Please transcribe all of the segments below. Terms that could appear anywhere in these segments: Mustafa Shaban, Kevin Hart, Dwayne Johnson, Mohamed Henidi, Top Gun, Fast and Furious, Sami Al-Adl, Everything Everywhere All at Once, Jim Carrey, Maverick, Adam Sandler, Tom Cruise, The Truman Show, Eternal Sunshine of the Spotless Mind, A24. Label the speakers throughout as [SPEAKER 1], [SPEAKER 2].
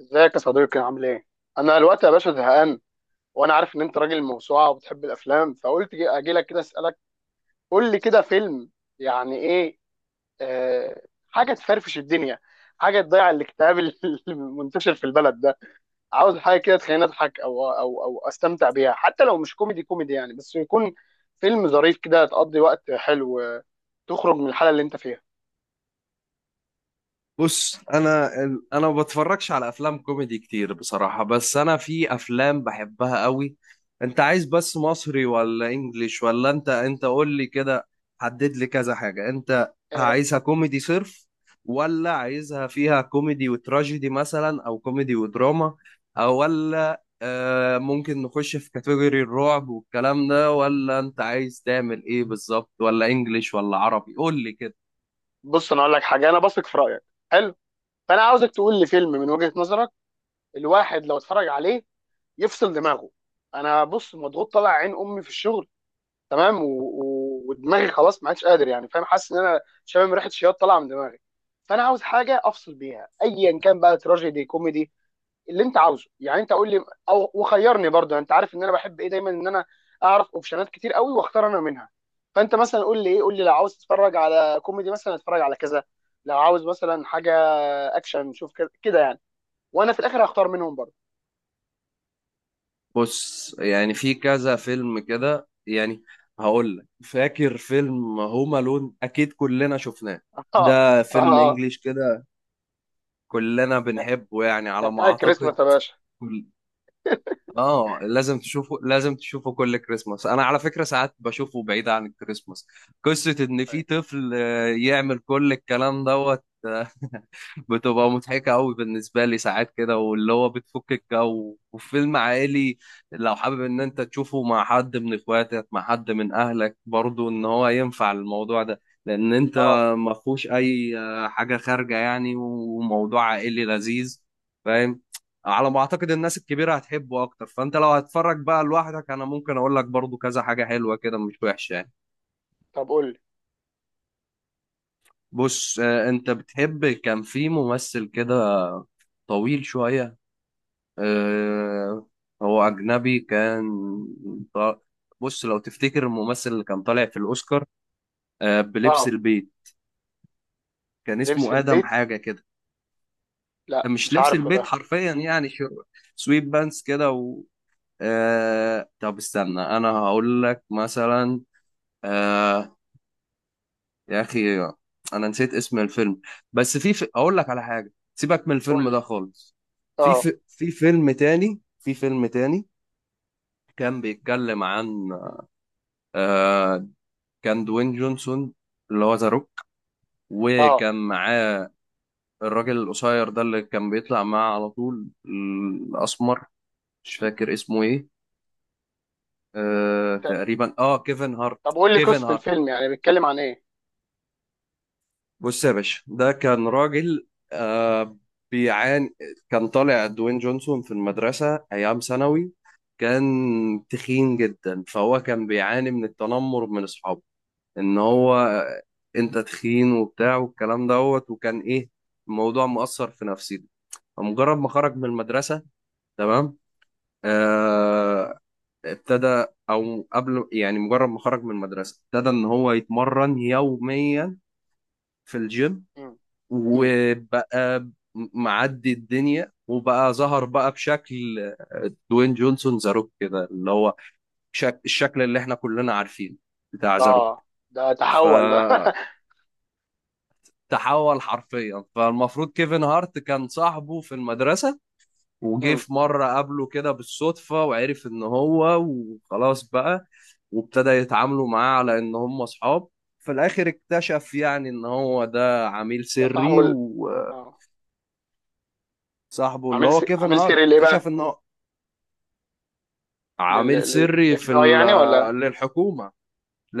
[SPEAKER 1] ازيك يا صديقي عامل ايه؟ انا الوقت يا باشا زهقان. وانا عارف ان انت راجل موسوعه وبتحب الافلام، فقلت اجي لك كده اسالك. قول لي كده فيلم يعني ايه. آه حاجه تفرفش الدنيا، حاجه تضيع الاكتئاب المنتشر في البلد ده. عاوز حاجه كده تخليني اضحك او استمتع بيها، حتى لو مش كوميدي كوميدي يعني، بس يكون فيلم ظريف كده تقضي وقت حلو. تخرج من الحاله اللي انت فيها.
[SPEAKER 2] بص، انا ما بتفرجش على افلام كوميدي كتير بصراحه. بس انا في افلام بحبها قوي. انت عايز بس مصري ولا انجليش، ولا انت قول لي كده؟ حدد لي كذا حاجه. انت
[SPEAKER 1] آه.
[SPEAKER 2] عايزها كوميدي صرف، ولا عايزها فيها كوميدي وتراجيدي مثلا، او كوميدي ودراما، او ولا ممكن نخش في كاتيجوري الرعب والكلام ده، ولا انت عايز تعمل ايه بالظبط؟ ولا انجليش ولا عربي؟ قول لي كده.
[SPEAKER 1] بص انا اقول لك حاجه، انا بثق في رايك. حلو. فانا عاوزك تقول لي فيلم من وجهه نظرك، الواحد لو اتفرج عليه يفصل دماغه. انا بص مضغوط، طالع عين امي في الشغل، تمام. ودماغي خلاص ما عادش قادر، يعني فاهم، حاسس ان انا شامم ريحه شياط طالعه من دماغي. فانا عاوز حاجه افصل بيها ايا كان بقى، تراجيدي كوميدي اللي انت عاوزه. يعني انت قول لي او وخيرني، برضه انت عارف ان انا بحب ايه دايما، ان انا اعرف اوبشنات كتير قوي واختار انا منها. فانت مثلا قول لي ايه، قول لي لو عاوز تتفرج على كوميدي مثلا اتفرج على كذا، لو عاوز مثلا حاجه اكشن شوف كده كده يعني. وانا في الاخر هختار منهم برضه.
[SPEAKER 2] بص، يعني في كذا فيلم كده يعني. هقول لك، فاكر فيلم هوم الون؟ اكيد كلنا شفناه.
[SPEAKER 1] اه.
[SPEAKER 2] ده فيلم
[SPEAKER 1] اه.
[SPEAKER 2] انجليش كده، كلنا بنحبه يعني
[SPEAKER 1] ده
[SPEAKER 2] على ما
[SPEAKER 1] بتاع
[SPEAKER 2] اعتقد.
[SPEAKER 1] الكريسماس يا باشا.
[SPEAKER 2] كل... اه لازم تشوفه، لازم تشوفه كل كريسماس. انا على فكرة ساعات بشوفه بعيد عن الكريسماس. قصة ان في
[SPEAKER 1] أيوة.
[SPEAKER 2] طفل يعمل كل الكلام دوت. بتبقى مضحكة أوي بالنسبة لي ساعات كده، واللي هو بتفك الجو وفيلم عائلي. لو حابب إن أنت تشوفه مع حد من إخواتك، مع حد من أهلك برضو، إن هو ينفع الموضوع ده، لأن أنت
[SPEAKER 1] اه
[SPEAKER 2] ما فيهوش أي حاجة خارجة يعني، وموضوع عائلي لذيذ. فاهم؟ على ما أعتقد الناس الكبيرة هتحبه أكتر، فأنت لو هتتفرج بقى لوحدك، أنا ممكن أقول لك برضو كذا حاجة حلوة كده مش وحشة يعني.
[SPEAKER 1] طب قول لي
[SPEAKER 2] بص، أنت بتحب. كان في ممثل كده طويل شوية، آه، هو أجنبي كان. ط- بص، لو تفتكر الممثل اللي كان طالع في الأوسكار، بلبس
[SPEAKER 1] اه.
[SPEAKER 2] البيت، كان
[SPEAKER 1] بلبس
[SPEAKER 2] اسمه آدم
[SPEAKER 1] البيت.
[SPEAKER 2] حاجة كده.
[SPEAKER 1] لا
[SPEAKER 2] مش
[SPEAKER 1] مش
[SPEAKER 2] لبس
[SPEAKER 1] عارفه
[SPEAKER 2] البيت
[SPEAKER 1] ده.
[SPEAKER 2] حرفيا يعني، سويت بانس كده، و طب استنى، أنا هقول لك مثلا. آه، يا أخي، أنا نسيت اسم الفيلم. بس أقول لك على حاجة، سيبك من
[SPEAKER 1] قول
[SPEAKER 2] الفيلم
[SPEAKER 1] لي.
[SPEAKER 2] ده خالص. في
[SPEAKER 1] اه.
[SPEAKER 2] في في فيلم تاني، كان بيتكلم عن، آه، كان دوين جونسون، اللي هو ذا روك،
[SPEAKER 1] اه.
[SPEAKER 2] وكان معاه الراجل القصير ده اللي كان بيطلع معاه على طول، الأسمر، مش فاكر اسمه إيه.
[SPEAKER 1] انت،
[SPEAKER 2] تقريبا، كيفن هارت.
[SPEAKER 1] طب قول لي
[SPEAKER 2] كيفن
[SPEAKER 1] قصة
[SPEAKER 2] هارت
[SPEAKER 1] الفيلم يعني بيتكلم عن ايه؟
[SPEAKER 2] بص يا باشا، ده كان راجل آه بيعاني. كان طالع دوين جونسون في المدرسة أيام ثانوي. كان تخين جدا، فهو كان بيعاني من التنمر من أصحابه، ان هو انت تخين وبتاع والكلام دوت، وكان ايه؟ الموضوع مؤثر في نفسيته. فمجرد ما خرج من المدرسة، تمام، آه ابتدى، او قبل يعني، مجرد ما خرج من المدرسة ابتدى ان هو يتمرن يوميا في الجيم،
[SPEAKER 1] مم. مم.
[SPEAKER 2] وبقى معدي الدنيا، وبقى ظهر بقى بشكل دوين جونسون زاروك كده، اللي هو الشكل اللي احنا كلنا عارفينه بتاع زاروك.
[SPEAKER 1] اه. ده
[SPEAKER 2] ف
[SPEAKER 1] تحول بقى
[SPEAKER 2] تحول حرفيا. فالمفروض كيفن هارت كان صاحبه في المدرسة، وجه
[SPEAKER 1] مم.
[SPEAKER 2] في مرة قابله كده بالصدفة، وعرف ان هو، وخلاص بقى وابتدى يتعاملوا معاه على ان هم اصحاب. في الاخر اكتشف يعني ان هو ده عميل
[SPEAKER 1] ده صاحبه
[SPEAKER 2] سري، وصاحبه
[SPEAKER 1] اه.
[SPEAKER 2] اللي هو كيفن
[SPEAKER 1] عامل سيري
[SPEAKER 2] هارت
[SPEAKER 1] ليه
[SPEAKER 2] اكتشف
[SPEAKER 1] بقى؟
[SPEAKER 2] انه
[SPEAKER 1] لل
[SPEAKER 2] عميل
[SPEAKER 1] لل
[SPEAKER 2] سري
[SPEAKER 1] اف بي اي يعني، ولا؟
[SPEAKER 2] للحكومة.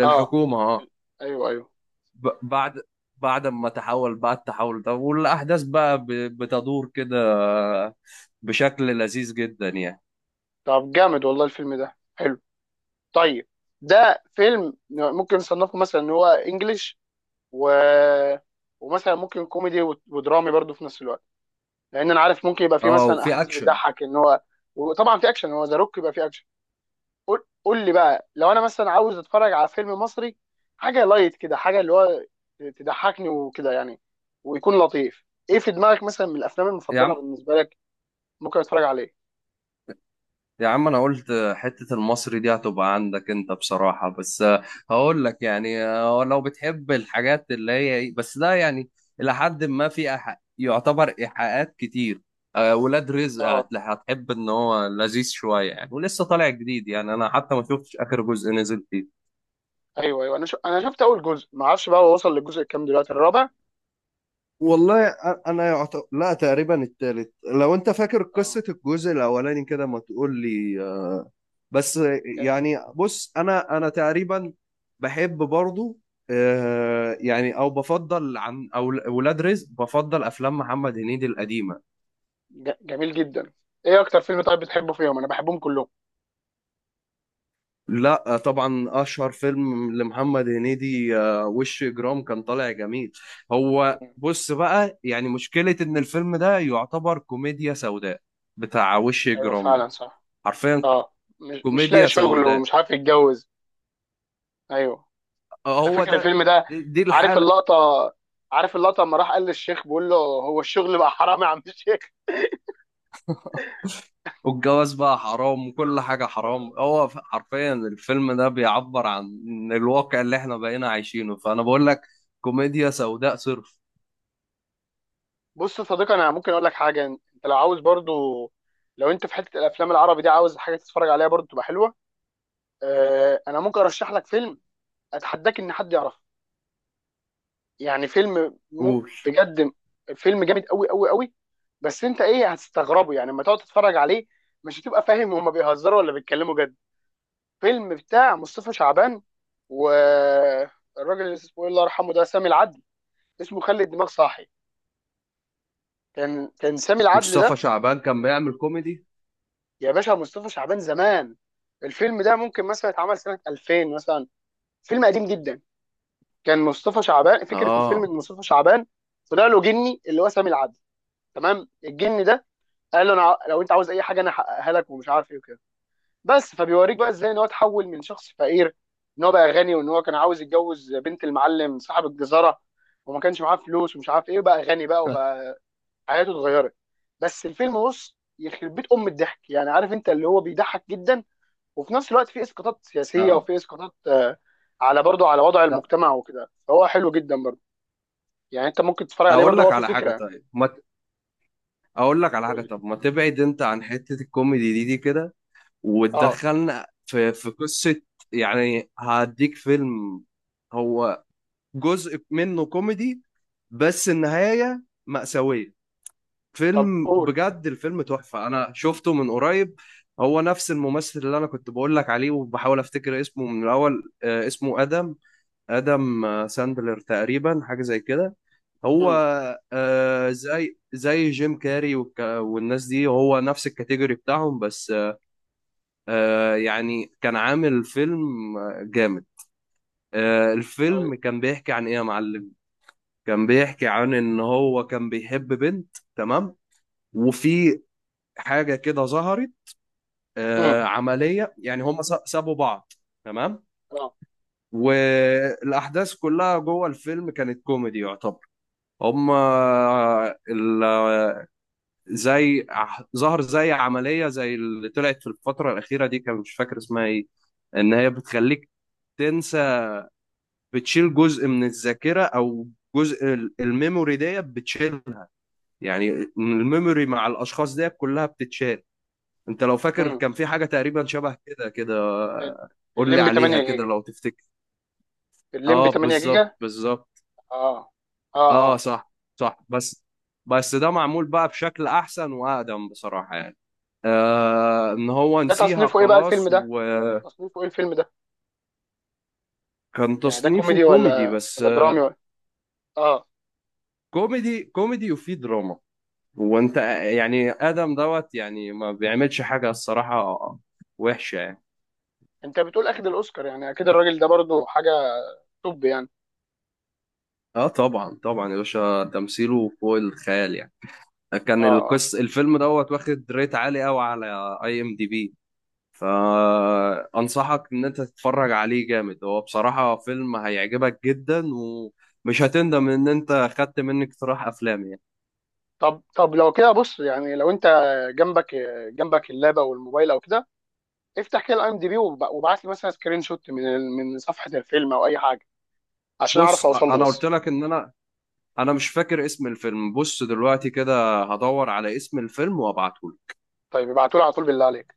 [SPEAKER 1] اه.
[SPEAKER 2] اه
[SPEAKER 1] ال- ايوه ايوه.
[SPEAKER 2] بعد، ما تحول بقى التحول ده، والاحداث بقى بتدور كده بشكل لذيذ جدا يعني،
[SPEAKER 1] طب جامد والله الفيلم ده حلو. طيب. ده فيلم ممكن نصنفه مثلا ان هو انجليش و... ومثلا ممكن كوميدي ودرامي برضو في نفس الوقت، لان انا عارف ممكن يبقى في
[SPEAKER 2] اه
[SPEAKER 1] مثلا
[SPEAKER 2] وفي
[SPEAKER 1] احداث
[SPEAKER 2] اكشن.
[SPEAKER 1] بتضحك ان هو. وطبعا في اكشن، هو ذا روك يبقى في اكشن. قول لي بقى، لو انا مثلا عاوز اتفرج على فيلم مصري، حاجه لايت كده، حاجه اللي هو تضحكني وكده يعني، ويكون لطيف. ايه في دماغك مثلا من الافلام
[SPEAKER 2] يا
[SPEAKER 1] المفضله
[SPEAKER 2] عم،
[SPEAKER 1] بالنسبه لك ممكن اتفرج عليه؟
[SPEAKER 2] يا عم، انا قلت حتة المصري دي هتبقى عندك انت بصراحة، بس هقول لك يعني، لو بتحب الحاجات اللي هي بس ده يعني الى حد ما في يعتبر ايحاءات كتير. ولاد رزق،
[SPEAKER 1] اه.
[SPEAKER 2] هتحب ان هو لذيذ شوية يعني. ولسه طالع جديد يعني، انا حتى ما شفتش اخر جزء نزل فيه.
[SPEAKER 1] ايوه ايوه. انا شفت اول جزء، ما اعرفش بقى هو وصل للجزء الكام دلوقتي، الرابع؟
[SPEAKER 2] والله، انا لا، تقريبا التالت، لو انت فاكر
[SPEAKER 1] اه.
[SPEAKER 2] قصة الجزء الاولاني كده ما تقول لي. بس يعني، بص انا تقريبا بحب برضو، يعني، او بفضل عن، او ولاد رزق، بفضل افلام محمد هنيدي القديمة.
[SPEAKER 1] جميل جدا. ايه اكتر فيلم طيب بتحبه فيهم؟ انا بحبهم كلهم.
[SPEAKER 2] لا، طبعا اشهر فيلم لمحمد هنيدي، وش اجرام، كان طالع جميل. هو بص بقى، يعني مشكلة ان الفيلم ده يعتبر كوميديا سوداء، بتاع وش
[SPEAKER 1] ايوه
[SPEAKER 2] اجرام
[SPEAKER 1] فعلا
[SPEAKER 2] ده
[SPEAKER 1] صح.
[SPEAKER 2] حرفيا،
[SPEAKER 1] اه. مش لاقي
[SPEAKER 2] كوميديا
[SPEAKER 1] شغل
[SPEAKER 2] سوداء.
[SPEAKER 1] ومش عارف يتجوز. ايوه. انا
[SPEAKER 2] هو
[SPEAKER 1] فاكر
[SPEAKER 2] ده.
[SPEAKER 1] الفيلم ده.
[SPEAKER 2] دي
[SPEAKER 1] عارف
[SPEAKER 2] الحالة.
[SPEAKER 1] اللقطه. عارف اللقطه لما راح قال للشيخ، بيقول له هو الشغل بقى حرام يا عم الشيخ.
[SPEAKER 2] والجواز بقى حرام، وكل حاجة حرام.
[SPEAKER 1] آه.
[SPEAKER 2] هو حرفيا الفيلم ده بيعبر عن الواقع اللي احنا بقينا عايشينه، فأنا بقول لك كوميديا سوداء صرف.
[SPEAKER 1] بص يا صديقي، انا ممكن اقول لك حاجه. انت لو عاوز برضو، لو انت في حته الافلام العربي دي عاوز حاجه تتفرج عليها برضو تبقى حلوه، انا ممكن ارشح لك فيلم اتحداك ان حد يعرفه. يعني فيلم م...
[SPEAKER 2] قول،
[SPEAKER 1] بجد. فيلم جامد قوي قوي قوي. بس انت ايه هتستغربه يعني لما تقعد تتفرج عليه، مش هتبقى فاهم هما بيهزروا ولا بيتكلموا جد. فيلم بتاع مصطفى شعبان، والراجل اللي اسمه الله يرحمه، ده سامي العدل. اسمه خلي الدماغ صاحي. كان سامي العدل
[SPEAKER 2] مصطفى
[SPEAKER 1] ده،
[SPEAKER 2] شعبان كان بيعمل كوميدي؟
[SPEAKER 1] يا باشا مصطفى شعبان زمان. الفيلم ده ممكن مثلا اتعمل سنة 2000 مثلا، فيلم قديم جدا. كان مصطفى شعبان، فكرة الفيلم
[SPEAKER 2] اه
[SPEAKER 1] ان مصطفى شعبان طلع له جني اللي هو سامي العدل، تمام. الجن ده قال له، انا لو انت عاوز اي حاجه انا احققها لك ومش عارف ايه وكده. بس فبيوريك بقى ازاي ان هو اتحول من شخص فقير، ان هو بقى غني، وان هو كان عاوز يتجوز بنت المعلم صاحب الجزاره وما كانش معاه فلوس ومش عارف ايه، وبقى غني بقى، وبقى حياته اتغيرت. بس الفيلم بص، يخرب بيت ام الضحك يعني، عارف انت اللي هو بيضحك جدا، وفي نفس الوقت في اسقاطات سياسيه
[SPEAKER 2] اه
[SPEAKER 1] وفي اسقاطات، على برضه على وضع
[SPEAKER 2] لا،
[SPEAKER 1] المجتمع وكده، فهو حلو جدا برضه، يعني انت ممكن تتفرج عليه
[SPEAKER 2] اقول
[SPEAKER 1] برضه، هو
[SPEAKER 2] لك
[SPEAKER 1] في
[SPEAKER 2] على حاجه،
[SPEAKER 1] فكره.
[SPEAKER 2] طيب ما ت- اقول لك على
[SPEAKER 1] قول
[SPEAKER 2] حاجه
[SPEAKER 1] لي.
[SPEAKER 2] طب ما تبعد انت عن حته الكوميدي دي كده،
[SPEAKER 1] اه.
[SPEAKER 2] وتدخلنا في قصه. يعني هديك فيلم، هو جزء منه كوميدي بس النهاية مأساوية.
[SPEAKER 1] طب
[SPEAKER 2] فيلم
[SPEAKER 1] قول.
[SPEAKER 2] بجد، الفيلم تحفة. أنا شفته من قريب. هو نفس الممثل اللي أنا كنت بقول لك عليه وبحاول أفتكر اسمه من الأول. اسمه آدم، آدم ساندلر تقريبا، حاجة زي كده. هو
[SPEAKER 1] امم
[SPEAKER 2] زي، جيم كاري والناس دي، هو نفس الكاتيجوري بتاعهم، بس يعني كان عامل فيلم جامد.
[SPEAKER 1] طيب.
[SPEAKER 2] الفيلم كان بيحكي عن إيه يا معلم؟ كان بيحكي عن ان هو كان بيحب بنت، تمام، وفي حاجه كده ظهرت،
[SPEAKER 1] امم
[SPEAKER 2] عمليه يعني، هم سابوا بعض، تمام،
[SPEAKER 1] اه.
[SPEAKER 2] والاحداث كلها جوه الفيلم كانت كوميدي يعتبر. هم آه، ال- زي ظهر زي عمليه زي اللي طلعت في الفتره الاخيره دي، كان مش فاكر اسمها ايه، ان هي بتخليك تنسى، بتشيل جزء من الذاكره، او جزء الميموري ديت بتشيله يعني. الميموري مع الاشخاص ديت كلها بتتشال. انت لو فاكر
[SPEAKER 1] امم
[SPEAKER 2] كان في حاجه تقريبا شبه كده كده،
[SPEAKER 1] ال-
[SPEAKER 2] قول لي
[SPEAKER 1] الليمبي
[SPEAKER 2] عليها
[SPEAKER 1] 8
[SPEAKER 2] كده
[SPEAKER 1] جيجا.
[SPEAKER 2] لو تفتكر.
[SPEAKER 1] الليمبي
[SPEAKER 2] اه،
[SPEAKER 1] 8
[SPEAKER 2] بالظبط
[SPEAKER 1] جيجا.
[SPEAKER 2] بالظبط.
[SPEAKER 1] اه اه
[SPEAKER 2] اه
[SPEAKER 1] اه.
[SPEAKER 2] صح، صح. بس ده معمول بقى بشكل احسن واقدم بصراحه يعني. ان هو
[SPEAKER 1] ده
[SPEAKER 2] نسيها
[SPEAKER 1] تصنيفه ايه بقى
[SPEAKER 2] خلاص،
[SPEAKER 1] الفيلم ده؟
[SPEAKER 2] وكان
[SPEAKER 1] تصنيفه ايه الفيلم ده؟ يعني ده
[SPEAKER 2] تصنيفه
[SPEAKER 1] كوميدي
[SPEAKER 2] كوميدي،
[SPEAKER 1] ولا
[SPEAKER 2] بس
[SPEAKER 1] ولا درامي ولا؟ اه.
[SPEAKER 2] كوميدي كوميدي وفيه دراما. وانت يعني ادم دوت يعني ما بيعملش حاجه، الصراحه، وحشه.
[SPEAKER 1] انت بتقول اخد الاوسكار، يعني اكيد الراجل ده برضو حاجه توب يعني.
[SPEAKER 2] اه طبعا طبعا يا باشا، تمثيله فوق الخيال يعني.
[SPEAKER 1] اه
[SPEAKER 2] كان
[SPEAKER 1] اه.
[SPEAKER 2] الفيلم دوت واخد ريت عالي قوي على IMDb. فانصحك ان انت تتفرج عليه، جامد هو بصراحة، فيلم هيعجبك جدا، ومش هتندم ان انت خدت مني اقتراح افلام يعني.
[SPEAKER 1] طب طب لو كده بص، يعني لو انت، جنبك جنبك اللاب او الموبايل او كده، افتح كده الاي ام دي بي وابعت لي مثلا سكرين شوت من صفحه الفيلم او اي حاجه، عشان اعرف
[SPEAKER 2] بص،
[SPEAKER 1] اوصل له
[SPEAKER 2] انا قلت
[SPEAKER 1] بس.
[SPEAKER 2] لك ان انا مش فاكر اسم الفيلم. بص دلوقتي كده هدور على اسم الفيلم وابعته.
[SPEAKER 1] طيب ابعتوا لي على طول بالله عليك.